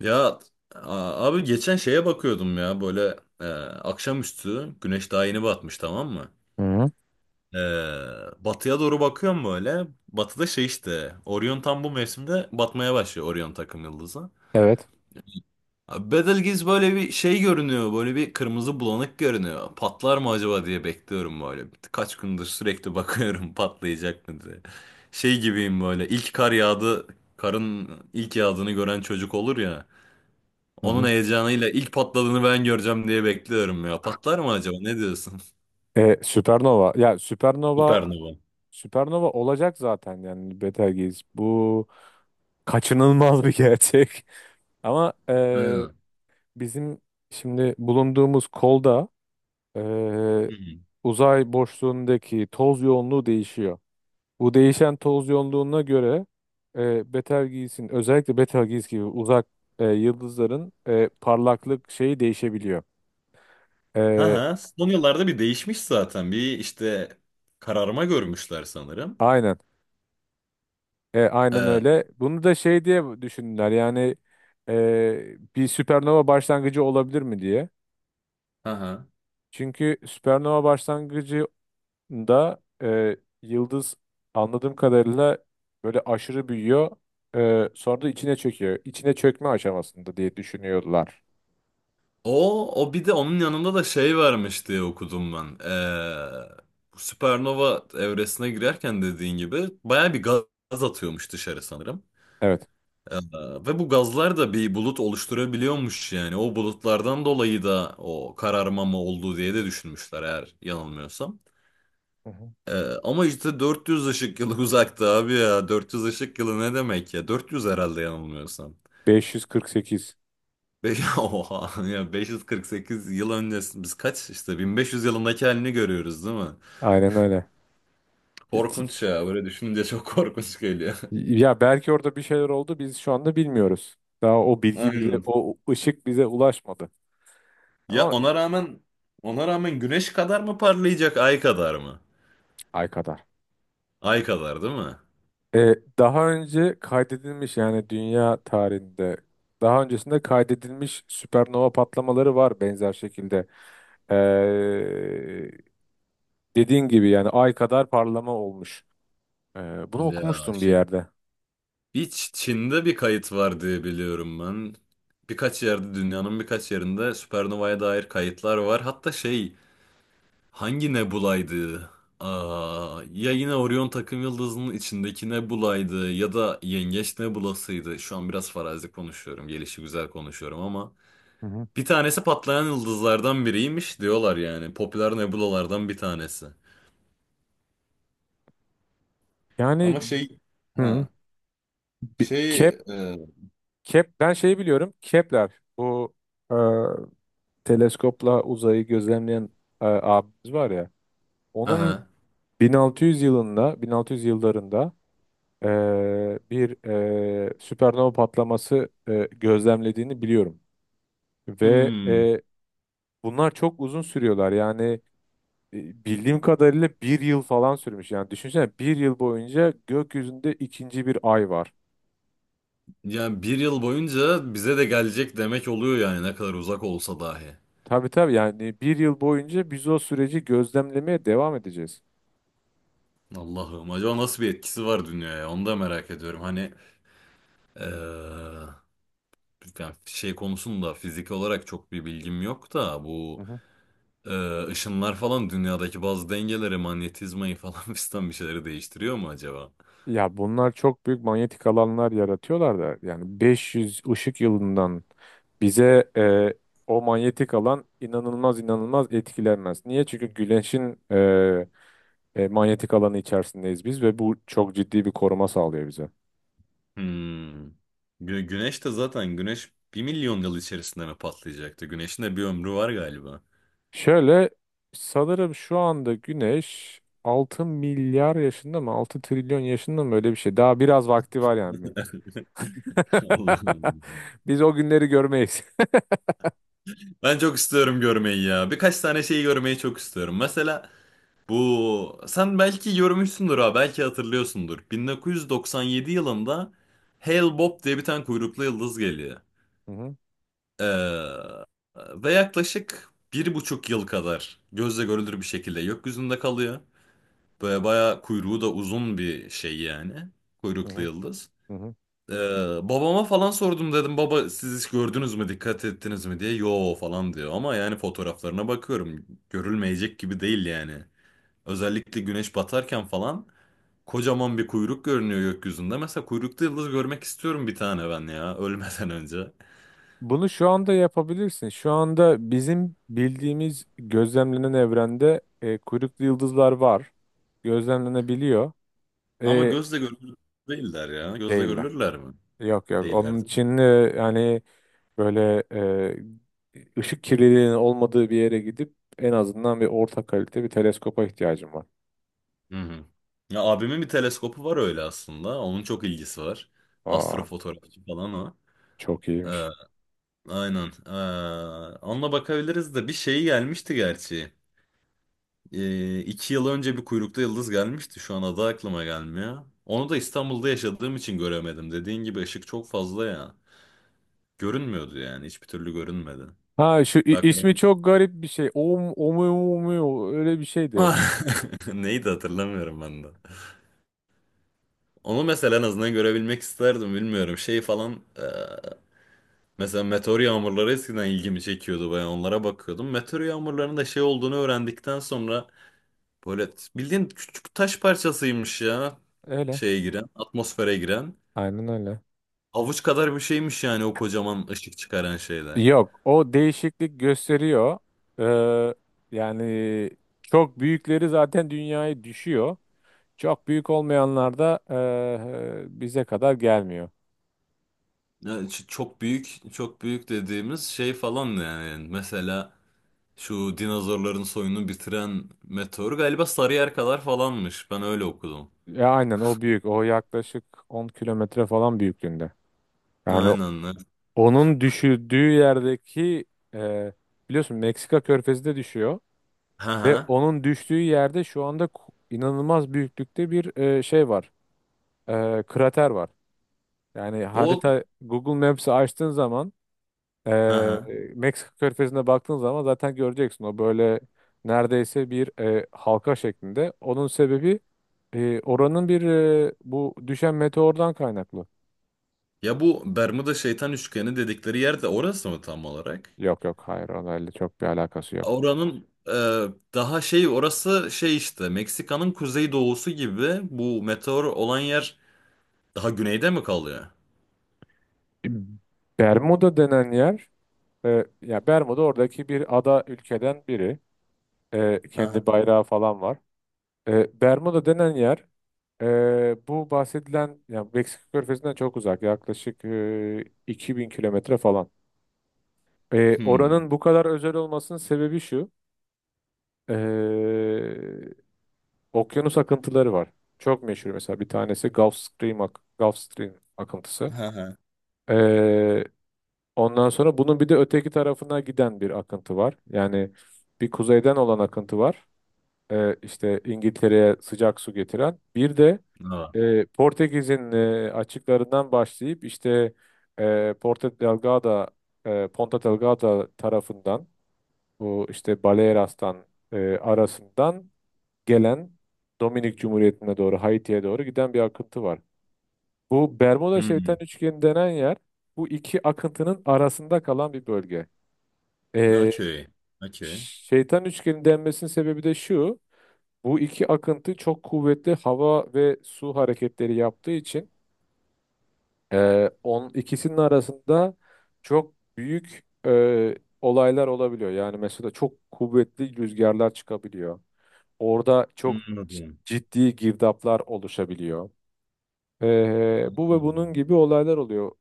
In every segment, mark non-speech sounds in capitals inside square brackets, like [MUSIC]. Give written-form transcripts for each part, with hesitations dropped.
Ya, abi, geçen şeye bakıyordum ya, böyle e, akşamüstü güneş daha yeni batmış, tamam mı? Hı hı. E, Batıya doğru bakıyorum böyle. Batıda şey işte Orion, tam bu mevsimde batmaya başlıyor, Orion takım yıldızı. Evet. Abi Betelgeuse böyle bir şey görünüyor, böyle bir kırmızı bulanık görünüyor. Patlar mı acaba diye bekliyorum böyle. Kaç gündür sürekli bakıyorum [LAUGHS] patlayacak mı diye. Şey gibiyim, böyle ilk kar yağdı, karın ilk yağdığını gören çocuk olur ya. Hı Onun hı. heyecanıyla ilk patladığını ben göreceğim diye bekliyorum ya. Patlar mı acaba? Ne diyorsun? Süpernova. Ya [LAUGHS] Süpernova Süpernova. Süpernova olacak zaten yani Betelgeuse. Bu kaçınılmaz bir gerçek. [LAUGHS] Ama Aynen. bizim şimdi bulunduğumuz kolda e, Hı hı. uzay boşluğundaki toz yoğunluğu değişiyor. Bu değişen toz yoğunluğuna göre Betelgeuse'in özellikle Betelgeuse gibi uzak yıldızların parlaklık şeyi değişebiliyor. Ha E, ha. Son yıllarda bir değişmiş zaten. Bir işte kararma görmüşler sanırım. aynen. Aynen Ee, öyle. Bunu da şey diye düşündüler yani bir süpernova başlangıcı olabilir mi diye. ha ha. Çünkü süpernova başlangıcında yıldız anladığım kadarıyla böyle aşırı büyüyor. Sonra da içine çöküyor. İçine çökme aşamasında diye düşünüyorlar. O bir de onun yanında da şey varmış diye okudum ben. Bu süpernova evresine girerken, dediğin gibi, baya bir gaz atıyormuş dışarı sanırım. Evet. Ee, Ve bu gazlar da bir bulut oluşturabiliyormuş yani. O bulutlardan dolayı da o kararmama olduğu diye de düşünmüşler, eğer yanılmıyorsam. Hı hı. Ee, Ama işte 400 ışık yılı [LAUGHS] uzakta abi ya. 400 ışık yılı ne demek ya? 400 herhalde, yanılmıyorsam. 548. Be [LAUGHS] oha ya, 548 yıl öncesi, biz kaç işte 1500 yılındaki halini görüyoruz değil mi? Aynen öyle. İki- Korkunç ya, böyle düşününce çok korkunç geliyor. Ya belki orada bir şeyler oldu, biz şu anda bilmiyoruz. Daha o [LAUGHS] bilgi bize, Aynen. o ışık bize ulaşmadı. Ya Ama ona rağmen güneş kadar mı parlayacak, ay kadar mı? ay kadar. Ay kadar değil mi? Daha önce kaydedilmiş yani dünya tarihinde daha öncesinde kaydedilmiş süpernova patlamaları var benzer şekilde. E, Dediğin gibi yani ay kadar parlama olmuş. E, Bunu Ya okumuştum bir şey, yerde. bir Çin'de bir kayıt var diye biliyorum ben. Birkaç yerde Dünyanın birkaç yerinde süpernovaya dair kayıtlar var. Hatta şey, hangi nebulaydı? Aa, ya yine Orion takım yıldızının içindeki nebulaydı ya da Yengeç nebulasıydı. Şu an biraz farazi konuşuyorum, gelişigüzel konuşuyorum, ama Hı hı. bir tanesi patlayan yıldızlardan biriymiş diyorlar yani. Popüler nebulalardan bir tanesi. Yani. Ama şey, Hı. ha, bi- şey Kep, e, Kep ben şeyi biliyorum. Kepler, bu e, teleskopla uzayı gözlemleyen abimiz var ya. Onun aha. 1600 yılında 1600 yıllarında bir süpernova patlaması gözlemlediğini biliyorum. Ve Hmm. Bunlar çok uzun sürüyorlar. Yani bildiğim kadarıyla bir yıl falan sürmüş. Yani düşünsene, bir yıl boyunca gökyüzünde ikinci bir ay var. Yani 1 yıl boyunca bize de gelecek demek oluyor yani, ne kadar uzak olsa dahi. Tabii tabii, yani bir yıl boyunca biz o süreci gözlemlemeye devam edeceğiz. Allah'ım, acaba nasıl bir etkisi var dünyaya, onu da merak ediyorum. Hani eee, yani şey konusunda fizik olarak çok bir bilgim yok da, bu ışınlar falan dünyadaki bazı dengeleri, manyetizmayı falan [LAUGHS] fistan bir şeyleri değiştiriyor mu acaba? Ya bunlar çok büyük manyetik alanlar yaratıyorlar da yani 500 ışık yılından bize o manyetik alan inanılmaz inanılmaz etkilenmez. Niye? Çünkü Güneş'in manyetik alanı içerisindeyiz biz ve bu çok ciddi bir koruma sağlıyor bize. Hmm. Güneş de zaten, güneş 1 milyon yıl içerisinde mi patlayacaktı? Güneşin de bir ömrü var galiba. Şöyle, sanırım şu anda Güneş 6 milyar yaşında mı 6 trilyon yaşında mı, öyle bir şey. Daha biraz vakti var yani. [LAUGHS] [LAUGHS] Allah'ım. Biz o günleri görmeyiz. Ben çok istiyorum görmeyi ya. Birkaç tane şeyi görmeyi çok istiyorum. Mesela bu, sen belki görmüşsündür ha, belki hatırlıyorsundur. 1997 yılında Hale Bob diye bir tane kuyruklu yıldız geliyor. Hı hı, Ee, Ve yaklaşık 1,5 yıl kadar gözle görülür bir şekilde gökyüzünde kalıyor. Böyle bayağı, kuyruğu da uzun bir şey yani. hı Kuyruklu hı, yıldız. hı hı. Ee, Babama falan sordum, dedim baba siz hiç gördünüz mü, dikkat ettiniz mi diye, yo falan diyor, ama yani fotoğraflarına bakıyorum görülmeyecek gibi değil yani. Özellikle güneş batarken falan kocaman bir kuyruk görünüyor gökyüzünde. Mesela kuyruklu yıldız görmek istiyorum bir tane ben ya, [LAUGHS] ölmeden önce. Bunu şu anda yapabilirsin. Şu anda bizim bildiğimiz gözlemlenen evrende kuyruklu yıldızlar var. Gözlemlenebiliyor. Ama E, gözle görülür değiller ya. Gözle Değiller. görülürler mi? Yok yok. Değiller, Onun değil mi? için yani böyle ışık kirliliğinin olmadığı bir yere gidip en azından bir orta kalite bir teleskopa ihtiyacım var. Hı hı. Ya, abimin bir teleskopu var öyle aslında. Onun çok ilgisi var. Aa, Astrofotoğrafçı falan o. çok iyiymiş. Aynen. Onunla bakabiliriz de, bir şey gelmişti gerçi. 2 yıl önce bir kuyruklu yıldız gelmişti. Şu an adı aklıma gelmiyor. Onu da İstanbul'da yaşadığım için göremedim. Dediğin gibi ışık çok fazla ya. Görünmüyordu yani. Hiçbir türlü görünmedi. Ha, şu Daha ismi karanlık. çok garip bir şey. Om, omu, omu, öyle bir şeydi. Ah! [LAUGHS] Neydi, hatırlamıyorum ben de. Onu mesela en azından görebilmek isterdim. Bilmiyorum. Şey falan. Mesela meteor yağmurları eskiden ilgimi çekiyordu. Ben onlara bakıyordum. Meteor yağmurlarının da şey olduğunu öğrendikten sonra, böyle bildiğin küçük taş parçasıymış ya. Öyle. Şeye giren, atmosfere giren. Aynen öyle. Avuç kadar bir şeymiş yani, o kocaman ışık çıkaran şeyler. Yok, o değişiklik gösteriyor. Ee, yani çok büyükleri zaten dünyaya düşüyor. Çok büyük olmayanlar da bize kadar gelmiyor. Yani çok büyük, çok büyük dediğimiz şey falan yani. Mesela şu dinozorların soyunu bitiren meteor galiba Sarıyer kadar falanmış. Ben öyle okudum. Ya aynen, o büyük. O yaklaşık 10 kilometre falan büyüklüğünde. Yani Aynen. Evet. onun düşürdüğü yerdeki eee, biliyorsun, Meksika Körfezi de düşüyor Ha ve ha. onun düştüğü yerde şu anda inanılmaz büyüklükte bir şey var. Krater var. Yani O, harita, Google Maps'i açtığın zaman ha ha. Ee, Meksika körfezine baktığın zaman zaten göreceksin, o böyle neredeyse bir halka şeklinde. Onun sebebi oranın bir bu düşen meteordan kaynaklı. Ya bu Bermuda Şeytan Üçgeni dedikleri yer de orası mı tam olarak? Yok yok, hayır, onlarla çok bir alakası yok. Oranın daha şey, orası şey işte, Meksika'nın kuzeydoğusu gibi, bu meteor olan yer daha güneyde mi kalıyor? [CLEARS THROAT] Bermuda denen yer ya Bermuda oradaki bir ada ülkeden biri. Aha. Kendi bayrağı falan var. Bermuda denen yer bu bahsedilen, ya Meksika körfezinden çok uzak, yaklaşık 2.000 kilometre falan. Hmm. Oranın bu kadar özel olmasının sebebi şu. e, Okyanus akıntıları var. Çok meşhur mesela bir tanesi Gulf Stream, Gulf Stream akıntısı. aha. E, Ondan sonra bunun bir de öteki tarafına giden bir akıntı var. Yani bir kuzeyden olan akıntı var. İşte İngiltere'ye sıcak su getiren. Bir de Ha. Portekiz'in açıklarından başlayıp işte Porto Delgado, Ponta Delgada tarafından, bu işte Baleares'tan arasından gelen, Dominik Cumhuriyeti'ne doğru Haiti'ye doğru giden bir akıntı var. Bu Bermuda Şeytan Hmm. Üçgeni denen yer bu iki akıntının arasında kalan bir bölge. E, Okey. Okey. Şeytan Üçgeni denmesinin sebebi de şu. Bu iki akıntı çok kuvvetli hava ve su hareketleri yaptığı için ikisinin arasında çok büyük olaylar olabiliyor. Yani mesela çok kuvvetli rüzgarlar çıkabiliyor. Orada çok Anladım. ciddi girdaplar oluşabiliyor. Bu ve bunun Anladım. gibi olaylar oluyor.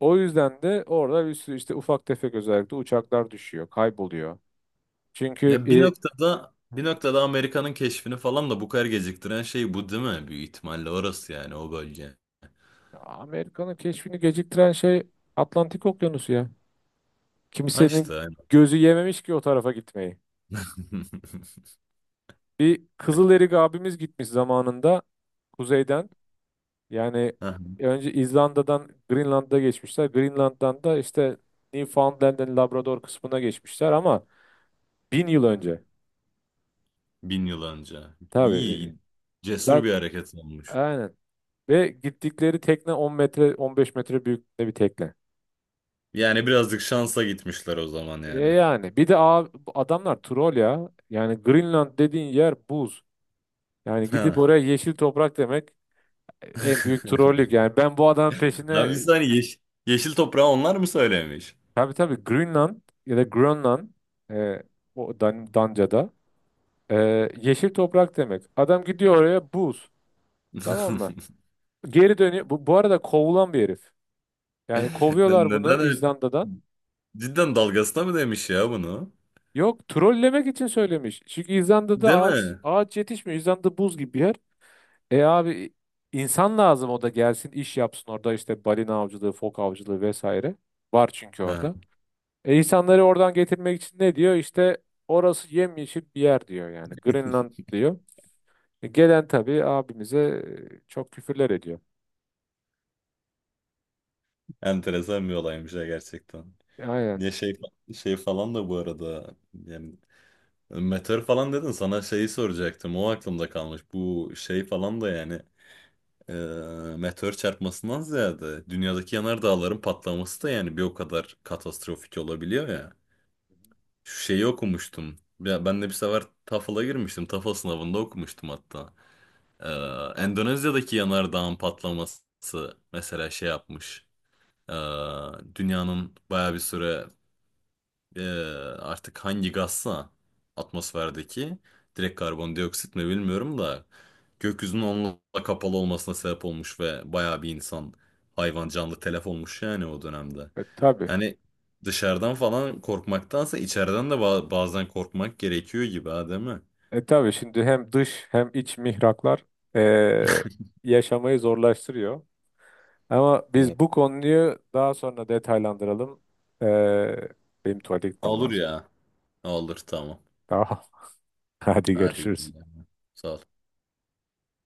O yüzden de orada bir sürü işte ufak tefek özellikle uçaklar düşüyor, kayboluyor. Çünkü Ya, bir noktada bir noktada Amerika'nın keşfini falan da bu kadar geciktiren şey bu değil mi? Büyük ihtimalle orası yani, o bölge. Amerika'nın keşfini geciktiren şey Atlantik Okyanusu ya. Ha Kimsenin işte, aynen. gözü yememiş ki o tarafa gitmeyi. [LAUGHS] Bir Kızıl Erik abimiz gitmiş zamanında kuzeyden. Yani Heh, önce İzlanda'dan Greenland'a geçmişler. Greenland'dan da işte Newfoundland'ın Labrador kısmına geçmişler, ama bin yıl önce. 1000 yıl önce. Tabii. İyi, cesur Zaten bir hareket olmuş. aynen. Ve gittikleri tekne 10 metre 15 metre büyüklüğünde bir tekne. Yani birazcık şansa gitmişler o zaman yani. Yani bir de adamlar troll ya. Yani Greenland dediğin yer buz. Yani gidip Ha. oraya yeşil toprak demek en büyük trollük. [LAUGHS] Yani ben bu adamın Ya bir peşine. saniye, yeşil toprağı onlar mı söylemiş? Tabii tabii, Greenland ya da Grönland e, o Danca'da. Yeşil toprak demek. Adam gidiyor, oraya buz. Tamam mı? [LAUGHS] Geri dönüyor. Bu arada kovulan bir herif. Yani kovuyorlar Neden bunu öyle? İzlanda'dan. Cidden dalgasına mı demiş ya bunu? Yok, trollemek için söylemiş. Çünkü İzlanda'da Değil ağaç mi? ağaç yetişmiyor. İzlanda buz gibi bir yer. E abi, insan lazım, o da gelsin iş yapsın orada, işte balina avcılığı, fok avcılığı vesaire. Var çünkü Ha. orada. E insanları oradan getirmek için ne diyor? İşte orası yemyeşil bir yer diyor yani. Greenland [LAUGHS] diyor. Gelen tabii abimize çok küfürler ediyor. Enteresan bir olaymış ya, gerçekten. Aynen. Ya şey, şey falan da bu arada yani, meteor falan dedin, sana şeyi soracaktım, o aklımda kalmış. Bu şey falan da yani, e, meteor çarpmasından ziyade dünyadaki yanardağların patlaması da yani bir o kadar katastrofik olabiliyor ya. Şu şeyi okumuştum. Ya ben de bir sefer TOEFL'a girmiştim. TOEFL sınavında okumuştum hatta. E, Endonezya'daki yanardağın patlaması mesela şey yapmış. E, Dünyanın baya bir süre, ee, artık hangi gazsa atmosferdeki, direkt karbondioksit mi bilmiyorum da, gökyüzünün onunla kapalı olmasına sebep olmuş ve bayağı bir insan, hayvan, canlı telef olmuş yani o dönemde. Tabii. Hani dışarıdan falan korkmaktansa, içeriden de bazen korkmak gerekiyor gibi, ha, değil mi? Tabii şimdi hem dış hem iç mihraklar e, yaşamayı zorlaştırıyor. Ama Evet. biz bu konuyu daha sonra detaylandıralım. E, Benim tuvalete gitmem Olur lazım. ya. Olur, tamam. Tamam. [LAUGHS] Hadi Hadi. görüşürüz. Sağ ol.